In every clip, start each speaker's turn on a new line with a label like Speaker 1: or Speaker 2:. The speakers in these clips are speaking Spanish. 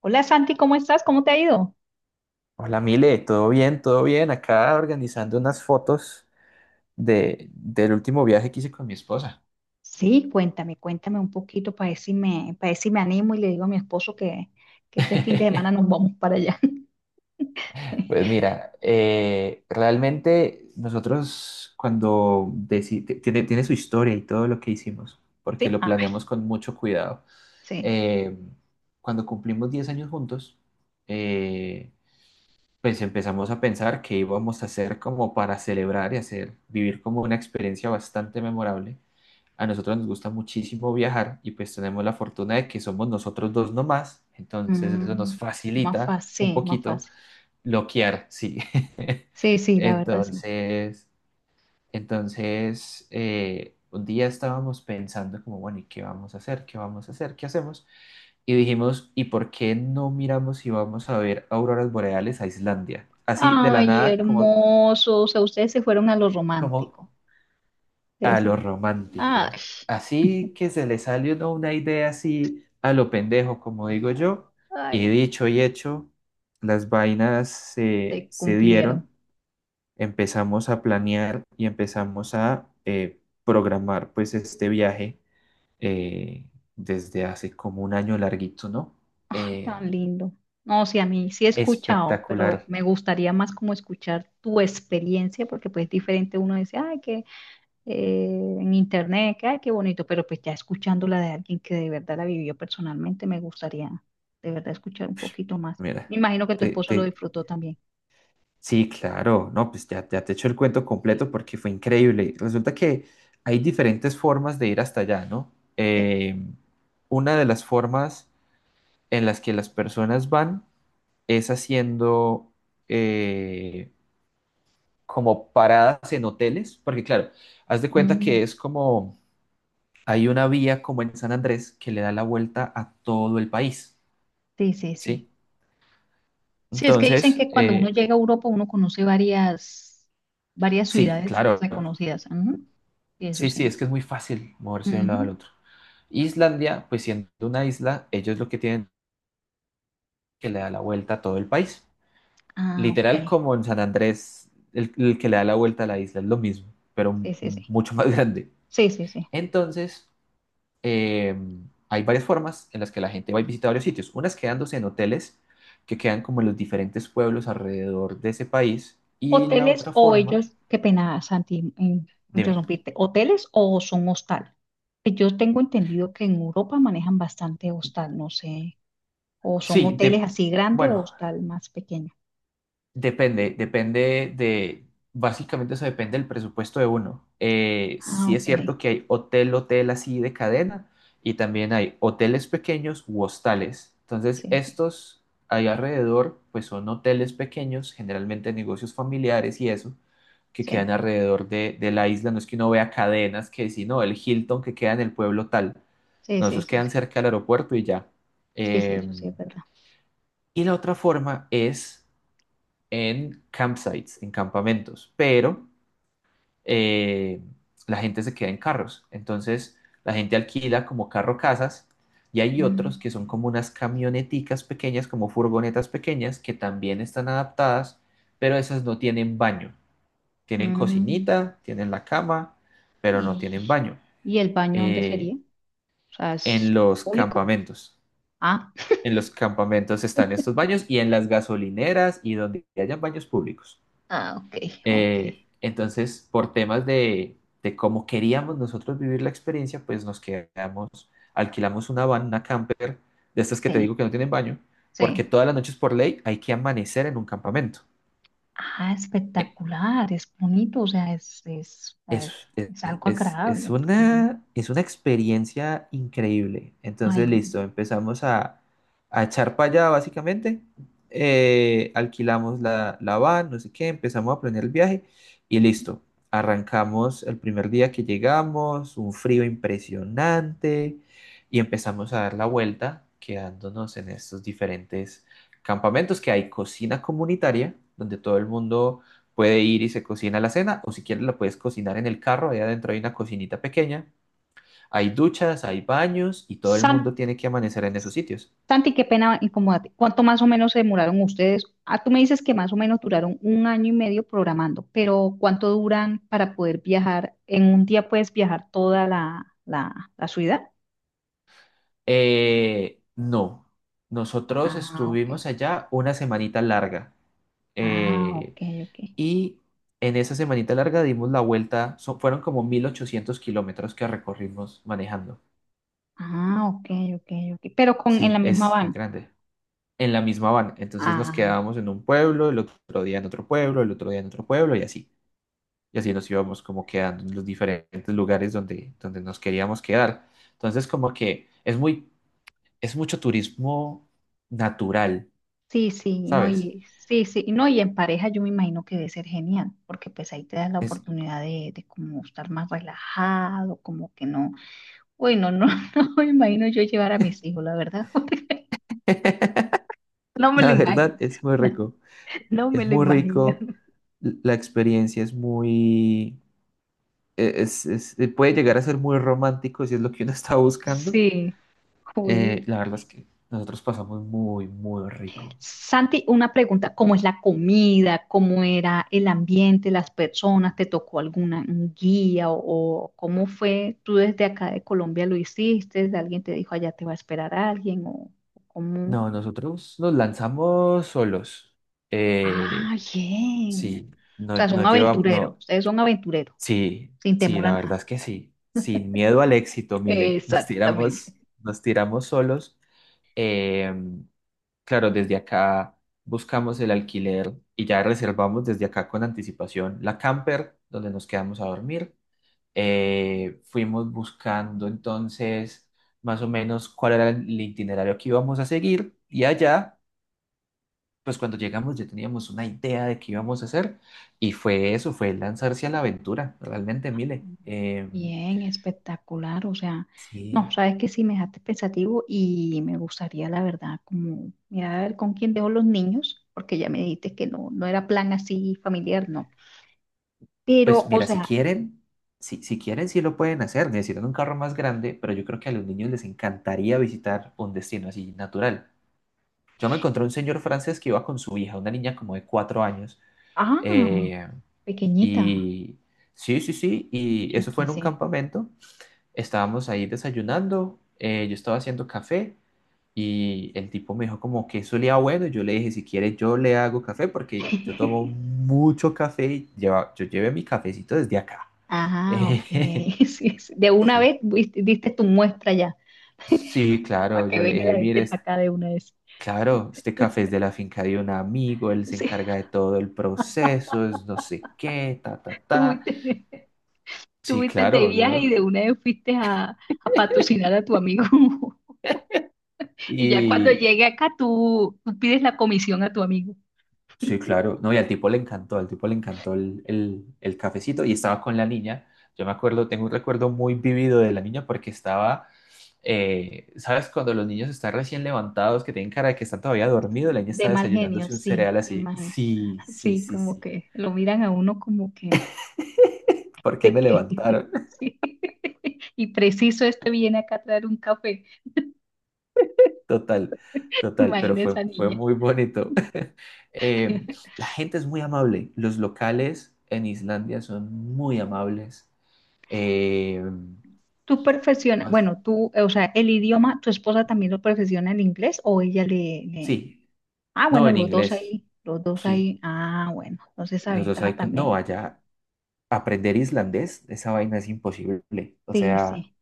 Speaker 1: Hola Santi, ¿cómo estás? ¿Cómo te ha ido?
Speaker 2: Hola Mile, todo bien, todo bien. Acá organizando unas fotos del último viaje que hice con mi esposa.
Speaker 1: Sí, cuéntame, cuéntame un poquito para ver para ver si me animo y le digo a mi esposo que ese fin de semana nos vamos para allá.
Speaker 2: Pues mira, realmente nosotros cuando tiene su historia y todo lo que hicimos, porque
Speaker 1: Sí,
Speaker 2: lo
Speaker 1: ah,
Speaker 2: planeamos
Speaker 1: ay,
Speaker 2: con mucho cuidado.
Speaker 1: sí.
Speaker 2: Eh, Cuando cumplimos 10 años juntos, eh, pues empezamos a pensar qué íbamos a hacer como para celebrar y hacer, vivir como una experiencia bastante memorable. A nosotros nos gusta muchísimo viajar y pues tenemos la fortuna de que somos nosotros dos nomás, entonces eso nos
Speaker 1: Mm, más
Speaker 2: facilita un
Speaker 1: fácil, sí, más
Speaker 2: poquito
Speaker 1: fácil.
Speaker 2: bloquear, sí.
Speaker 1: Sí, sí, la verdad sí.
Speaker 2: Entonces, entonces, un día estábamos pensando como, bueno, ¿y qué vamos a hacer? ¿Qué vamos a hacer? ¿Qué hacemos? Y dijimos, ¿y por qué no miramos si vamos a ver auroras boreales a Islandia? Así de la
Speaker 1: Ay,
Speaker 2: nada, como,
Speaker 1: hermoso. O sea, ustedes se fueron a lo
Speaker 2: como
Speaker 1: romántico. Ustedes
Speaker 2: a lo
Speaker 1: se- Ay,
Speaker 2: romántico. Así que se le salió, ¿no?, una idea así a lo pendejo, como digo yo, y
Speaker 1: ay,
Speaker 2: dicho y hecho, las vainas se,
Speaker 1: te
Speaker 2: se
Speaker 1: cumplieron.
Speaker 2: dieron, empezamos a planear y empezamos a programar pues este viaje eh, desde hace como un año larguito, ¿no? Eh,
Speaker 1: Tan lindo. No, sí, a mí sí he escuchado, pero
Speaker 2: espectacular.
Speaker 1: me gustaría más como escuchar tu experiencia, porque pues es diferente, uno dice, ay, que en internet, que ay, qué bonito, pero pues ya escuchándola de alguien que de verdad la vivió personalmente, me gustaría de verdad escuchar un poquito más. Me
Speaker 2: Mira,
Speaker 1: imagino que tu
Speaker 2: te,
Speaker 1: esposo lo
Speaker 2: te...
Speaker 1: disfrutó también.
Speaker 2: sí, claro, no, pues ya, ya te echo el cuento
Speaker 1: Sí,
Speaker 2: completo porque fue increíble. Resulta que hay diferentes formas de ir hasta allá, ¿no?
Speaker 1: sí.
Speaker 2: Una de las formas en las que las personas van es haciendo eh, como paradas en hoteles, porque claro, haz de cuenta
Speaker 1: Mm,
Speaker 2: que es como, hay una vía como en San Andrés que le da la vuelta a todo el país,
Speaker 1: sí, sí. Sí,
Speaker 2: ¿sí?
Speaker 1: sí, es que dicen
Speaker 2: Entonces,
Speaker 1: que cuando uno llega a Europa, uno conoce varias
Speaker 2: sí,
Speaker 1: ciudades
Speaker 2: claro.
Speaker 1: reconocidas. Ujú. Y eso
Speaker 2: Sí, sí, es
Speaker 1: sí.
Speaker 2: que es muy fácil moverse de un
Speaker 1: Ujú.
Speaker 2: lado al otro. Islandia, pues siendo una isla, ellos lo que tienen que le da la vuelta a todo el país.
Speaker 1: Ah,
Speaker 2: Literal
Speaker 1: ok.
Speaker 2: como en San Andrés, el que le da la vuelta a la isla es lo mismo, pero
Speaker 1: Sí, sí, sí.
Speaker 2: mucho más grande.
Speaker 1: Sí, sí, sí.
Speaker 2: Entonces, eh, hay varias formas en las que la gente va y visita varios sitios. Unas quedándose en hoteles que quedan como en los diferentes pueblos alrededor de ese país. Y la
Speaker 1: Hoteles
Speaker 2: otra
Speaker 1: o
Speaker 2: forma,
Speaker 1: ellos, qué pena, Santi,
Speaker 2: dime.
Speaker 1: interrumpirte. ¿Hoteles o son hostal? Yo tengo entendido que en Europa manejan bastante hostal, no sé, o son
Speaker 2: Sí,
Speaker 1: hoteles
Speaker 2: de,
Speaker 1: así grandes o
Speaker 2: bueno,
Speaker 1: hostal más pequeño.
Speaker 2: depende, básicamente eso depende del presupuesto de uno.
Speaker 1: Ah,
Speaker 2: Sí es
Speaker 1: ok.
Speaker 2: cierto que hay hotel así de cadena y también hay hoteles pequeños u hostales. Entonces,
Speaker 1: Sí, sí,
Speaker 2: estos ahí alrededor, pues son hoteles pequeños, generalmente negocios familiares y eso, que
Speaker 1: sí,
Speaker 2: quedan alrededor de la isla. No es que uno vea cadenas que si no, el Hilton que queda en el pueblo tal.
Speaker 1: sí,
Speaker 2: No,
Speaker 1: sí,
Speaker 2: esos
Speaker 1: sí,
Speaker 2: quedan
Speaker 1: sí,
Speaker 2: cerca del aeropuerto y ya.
Speaker 1: sí, sí, eso sí
Speaker 2: Em,
Speaker 1: es verdad.
Speaker 2: y la otra forma es en campsites, en campamentos, pero eh, la gente se queda en carros. Entonces la gente alquila como carro casas y hay otros
Speaker 1: Mm,
Speaker 2: que son como unas camioneticas pequeñas, como furgonetas pequeñas, que también están adaptadas, pero esas no tienen baño. Tienen
Speaker 1: mm.
Speaker 2: cocinita, tienen la cama, pero no
Speaker 1: ¿Y,
Speaker 2: tienen baño.
Speaker 1: y el baño dónde
Speaker 2: Eh,
Speaker 1: sería? O sea,
Speaker 2: en
Speaker 1: ¿es
Speaker 2: los
Speaker 1: público?
Speaker 2: campamentos.
Speaker 1: Ah,
Speaker 2: En los campamentos están estos baños y en las gasolineras y donde hayan baños públicos.
Speaker 1: ah, ok, ok,
Speaker 2: Entonces, por temas de cómo queríamos nosotros vivir la experiencia, pues nos quedamos, alquilamos una van, una camper, de estas que te digo
Speaker 1: sí,
Speaker 2: que no tienen baño, porque
Speaker 1: sí.
Speaker 2: todas las noches por ley hay que amanecer en un campamento.
Speaker 1: Ah, espectacular, es bonito, o sea, es, o sea,
Speaker 2: Es, es,
Speaker 1: es algo agradable, porque
Speaker 2: es una experiencia increíble.
Speaker 1: ay,
Speaker 2: Entonces,
Speaker 1: yo,
Speaker 2: listo, a echar para allá, básicamente. Alquilamos la van, no sé qué, empezamos a planear el viaje y listo. Arrancamos el primer día que llegamos, un frío impresionante y empezamos a dar la vuelta, quedándonos en estos diferentes campamentos que hay cocina comunitaria, donde todo el mundo puede ir y se cocina la cena, o si quieres la puedes cocinar en el carro, allá adentro hay una cocinita pequeña, hay duchas, hay baños y todo el mundo
Speaker 1: San-
Speaker 2: tiene que amanecer en esos sitios.
Speaker 1: Santi, qué pena incomodarte. ¿Cuánto más o menos se demoraron ustedes? Ah, tú me dices que más o menos duraron un año y medio programando, pero ¿cuánto duran para poder viajar? ¿En un día puedes viajar toda la ciudad?
Speaker 2: No, nosotros
Speaker 1: Ah, ok.
Speaker 2: estuvimos allá una semanita larga
Speaker 1: Ah,
Speaker 2: eh,
Speaker 1: ok, ok.
Speaker 2: y en esa semanita larga dimos la vuelta, fueron como 1800 kilómetros que recorrimos manejando.
Speaker 1: Ah, ok, ok, ok. Pero con, en la
Speaker 2: Sí,
Speaker 1: misma
Speaker 2: es grande. En la misma van. Entonces nos
Speaker 1: van.
Speaker 2: quedábamos en un pueblo, el otro día en otro pueblo, el otro día en otro pueblo y así. Y así nos íbamos como quedando en los diferentes lugares donde nos queríamos quedar. Entonces, como que es mucho turismo natural,
Speaker 1: Sí, sí, no,
Speaker 2: ¿sabes?
Speaker 1: y sí, sí, no, y en pareja yo me imagino que debe ser genial, porque pues ahí te das la
Speaker 2: Es,
Speaker 1: oportunidad de como estar más relajado, como que no, bueno, no, no me imagino yo llevar a mis hijos, la verdad, no me lo
Speaker 2: la verdad
Speaker 1: imagino, no, me
Speaker 2: es
Speaker 1: lo
Speaker 2: muy
Speaker 1: imagino,
Speaker 2: rico, la experiencia es muy, e- es- puede llegar a ser muy romántico si es lo que uno está buscando.
Speaker 1: sí, joder.
Speaker 2: La verdad es que nosotros pasamos muy, muy rico.
Speaker 1: Santi, una pregunta, ¿cómo es la comida? ¿Cómo era el ambiente, las personas? ¿Te tocó alguna un guía o cómo fue? ¿Tú desde acá de Colombia lo hiciste? ¿Alguien te dijo allá te va a esperar alguien? O cómo?
Speaker 2: No, nosotros nos lanzamos solos. Eh,
Speaker 1: Ah, bien.
Speaker 2: Sí,
Speaker 1: O
Speaker 2: no,
Speaker 1: sea,
Speaker 2: no
Speaker 1: son
Speaker 2: lleva,
Speaker 1: aventureros,
Speaker 2: no,
Speaker 1: ustedes son aventureros,
Speaker 2: sí,
Speaker 1: sin
Speaker 2: sí,
Speaker 1: temor a
Speaker 2: la verdad
Speaker 1: nada.
Speaker 2: es que sí. Sin miedo al éxito, Mile. Nos
Speaker 1: Exactamente.
Speaker 2: tiramos, nos tiramos solos. Eh, claro, desde acá buscamos el alquiler y ya reservamos desde acá con anticipación la camper donde nos quedamos a dormir. Fuimos buscando entonces más o menos cuál era el itinerario que íbamos a seguir y allá pues cuando llegamos ya teníamos una idea de qué íbamos a hacer y fue eso, fue lanzarse a la aventura, realmente, mire. Eh,
Speaker 1: Bien, espectacular. O sea, no,
Speaker 2: sí,
Speaker 1: sabes que sí me dejaste pensativo y me gustaría, la verdad, como mirar a ver con quién dejo los niños, porque ya me dijiste que no, no era plan así familiar, no. Pero,
Speaker 2: pues
Speaker 1: o
Speaker 2: mira, si
Speaker 1: sea,
Speaker 2: quieren, si quieren, sí lo pueden hacer, necesitan un carro más grande, pero yo creo que a los niños les encantaría visitar un destino así natural. Yo me encontré un señor francés que iba con su hija, una niña como de 4 años,
Speaker 1: ah,
Speaker 2: eh,
Speaker 1: pequeñita,
Speaker 2: y sí, sí, sí, y eso fue en un
Speaker 1: chiquise.
Speaker 2: campamento. Estábamos ahí desayunando, yo estaba haciendo café y el tipo me dijo como que eso le da bueno. Y yo le dije, si quieres yo le hago café porque yo tomo mucho café y yo llevé mi cafecito desde acá.
Speaker 1: Ah, ok.
Speaker 2: Eh,
Speaker 1: Sí, sí. De una
Speaker 2: sí.
Speaker 1: vez diste tu muestra ya,
Speaker 2: Sí,
Speaker 1: para
Speaker 2: claro,
Speaker 1: que
Speaker 2: yo le
Speaker 1: venga
Speaker 2: dije,
Speaker 1: la
Speaker 2: mire,
Speaker 1: gente para acá de una vez.
Speaker 2: claro, este café es de la finca de un amigo, él se
Speaker 1: Sí,
Speaker 2: encarga de todo el proceso, es no sé qué, ta, ta,
Speaker 1: tú
Speaker 2: ta.
Speaker 1: viste.
Speaker 2: Sí,
Speaker 1: Tuviste de
Speaker 2: claro,
Speaker 1: viaje y
Speaker 2: yo...
Speaker 1: de una vez a patrocinar a tu amigo. Y ya cuando
Speaker 2: Y,
Speaker 1: llegue acá, tú pides la comisión a tu amigo.
Speaker 2: sí, claro. No, y al tipo le encantó, al tipo le encantó el cafecito y estaba con la niña. Yo me acuerdo, tengo un recuerdo muy vivido de la niña porque estaba, ¿sabes? Cuando los niños están recién levantados, que tienen cara de que están todavía dormidos, la niña está
Speaker 1: De mal genio,
Speaker 2: desayunándose un
Speaker 1: sí,
Speaker 2: cereal
Speaker 1: me
Speaker 2: así.
Speaker 1: imagino.
Speaker 2: Sí, sí,
Speaker 1: Sí,
Speaker 2: sí,
Speaker 1: como
Speaker 2: sí.
Speaker 1: que lo miran a uno como que,
Speaker 2: ¿Por qué
Speaker 1: ¿de
Speaker 2: me
Speaker 1: qué?
Speaker 2: levantaron?
Speaker 1: Sí. Y preciso este viene acá a traer un café.
Speaker 2: Total, total, pero
Speaker 1: Imagina
Speaker 2: fue,
Speaker 1: esa
Speaker 2: fue
Speaker 1: niña.
Speaker 2: muy bonito. Eh, la gente es muy amable. Los locales en Islandia son muy amables. Eh,
Speaker 1: Tú perfeccionas,
Speaker 2: ¿más?
Speaker 1: bueno, tú, o sea, el idioma, ¿tu esposa también lo perfecciona el inglés o ella le-
Speaker 2: Sí,
Speaker 1: Ah,
Speaker 2: no,
Speaker 1: bueno,
Speaker 2: en
Speaker 1: los dos
Speaker 2: inglés.
Speaker 1: ahí, los dos
Speaker 2: Sí.
Speaker 1: ahí. Ah, bueno, entonces esa
Speaker 2: Los dos
Speaker 1: ventaja
Speaker 2: hay...
Speaker 1: también.
Speaker 2: No, allá aprender islandés, esa vaina es imposible. O
Speaker 1: Sí,
Speaker 2: sea,
Speaker 1: sí,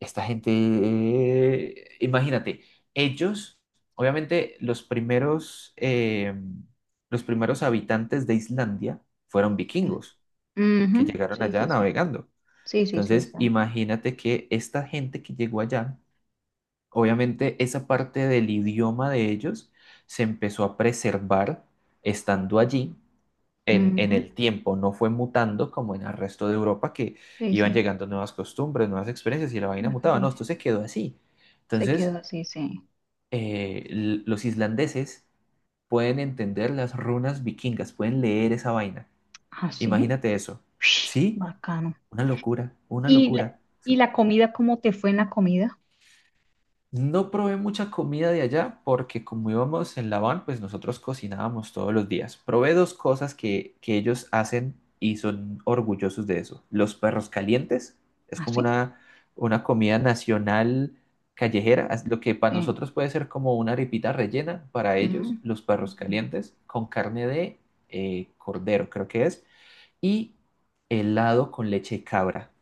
Speaker 2: esta gente, imagínate, ellos, obviamente, los primeros habitantes de Islandia fueron
Speaker 1: sí.
Speaker 2: vikingos que
Speaker 1: Ujú,
Speaker 2: llegaron
Speaker 1: sí,
Speaker 2: allá
Speaker 1: sí, sí.
Speaker 2: navegando.
Speaker 1: Sí, sí, sí,
Speaker 2: Entonces,
Speaker 1: esa.
Speaker 2: imagínate que esta gente que llegó allá, obviamente, esa parte del idioma de ellos se empezó a preservar estando allí en
Speaker 1: Ujú,
Speaker 2: el tiempo, no fue mutando como en el resto de Europa que
Speaker 1: sí,
Speaker 2: iban
Speaker 1: sí.
Speaker 2: llegando nuevas costumbres, nuevas experiencias y la vaina
Speaker 1: Una
Speaker 2: mutaba, no,
Speaker 1: experiencia.
Speaker 2: esto se quedó así.
Speaker 1: Se quedó
Speaker 2: Entonces,
Speaker 1: así, sí.
Speaker 2: los islandeses pueden entender las runas vikingas, pueden leer esa vaina.
Speaker 1: Así.
Speaker 2: Imagínate eso.
Speaker 1: Ush,
Speaker 2: Sí,
Speaker 1: bacano.
Speaker 2: una locura, una
Speaker 1: ¿Y la,
Speaker 2: locura. Sí.
Speaker 1: y la comida, cómo te fue en la comida?
Speaker 2: No probé mucha comida de allá porque como íbamos en la van, pues nosotros cocinábamos todos los días. Probé dos cosas que ellos hacen y son orgullosos de eso. Los perros calientes es como
Speaker 1: Así.
Speaker 2: una comida nacional callejera, lo que para
Speaker 1: Sí.
Speaker 2: nosotros puede ser como una arepita rellena, para ellos
Speaker 1: Ujú.
Speaker 2: los perros calientes con carne de cordero, creo que es, y helado con leche de cabra.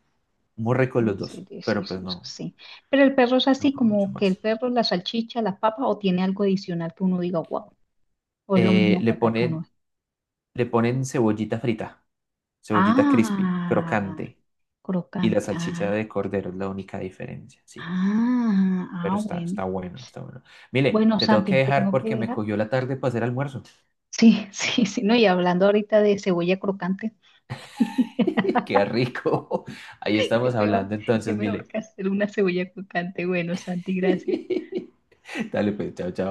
Speaker 2: Muy ricos
Speaker 1: Sí,
Speaker 2: los
Speaker 1: sí,
Speaker 2: dos,
Speaker 1: sí, sí,
Speaker 2: pero pues
Speaker 1: sí, eso
Speaker 2: no,
Speaker 1: sí. Pero el perro es
Speaker 2: no
Speaker 1: así,
Speaker 2: por mucho
Speaker 1: como que el
Speaker 2: más
Speaker 1: perro, la salchicha, las papas, o tiene algo adicional que uno diga, wow, o es lo mismo que
Speaker 2: le
Speaker 1: acá que uno.
Speaker 2: ponen, le ponen cebollita frita, cebollita crispy,
Speaker 1: Ah,
Speaker 2: crocante. Y la
Speaker 1: crocante.
Speaker 2: salchicha
Speaker 1: Ah,
Speaker 2: de cordero es la única diferencia, sí.
Speaker 1: ah,
Speaker 2: Pero
Speaker 1: ah,
Speaker 2: está,
Speaker 1: bueno.
Speaker 2: está bueno, está bueno. Mire,
Speaker 1: Bueno,
Speaker 2: te tengo que
Speaker 1: Santi, te
Speaker 2: dejar
Speaker 1: tengo que
Speaker 2: porque me
Speaker 1: dejar.
Speaker 2: cogió la tarde para hacer almuerzo.
Speaker 1: Sí, sí, sí, no, y hablando ahorita de cebolla crocante, qué
Speaker 2: Qué rico. Ahí estamos
Speaker 1: mejor,
Speaker 2: hablando
Speaker 1: qué
Speaker 2: entonces,
Speaker 1: mejor
Speaker 2: mire.
Speaker 1: que hacer una cebolla crocante. Bueno, Santi, gracias.
Speaker 2: Dale pues, chao, chao.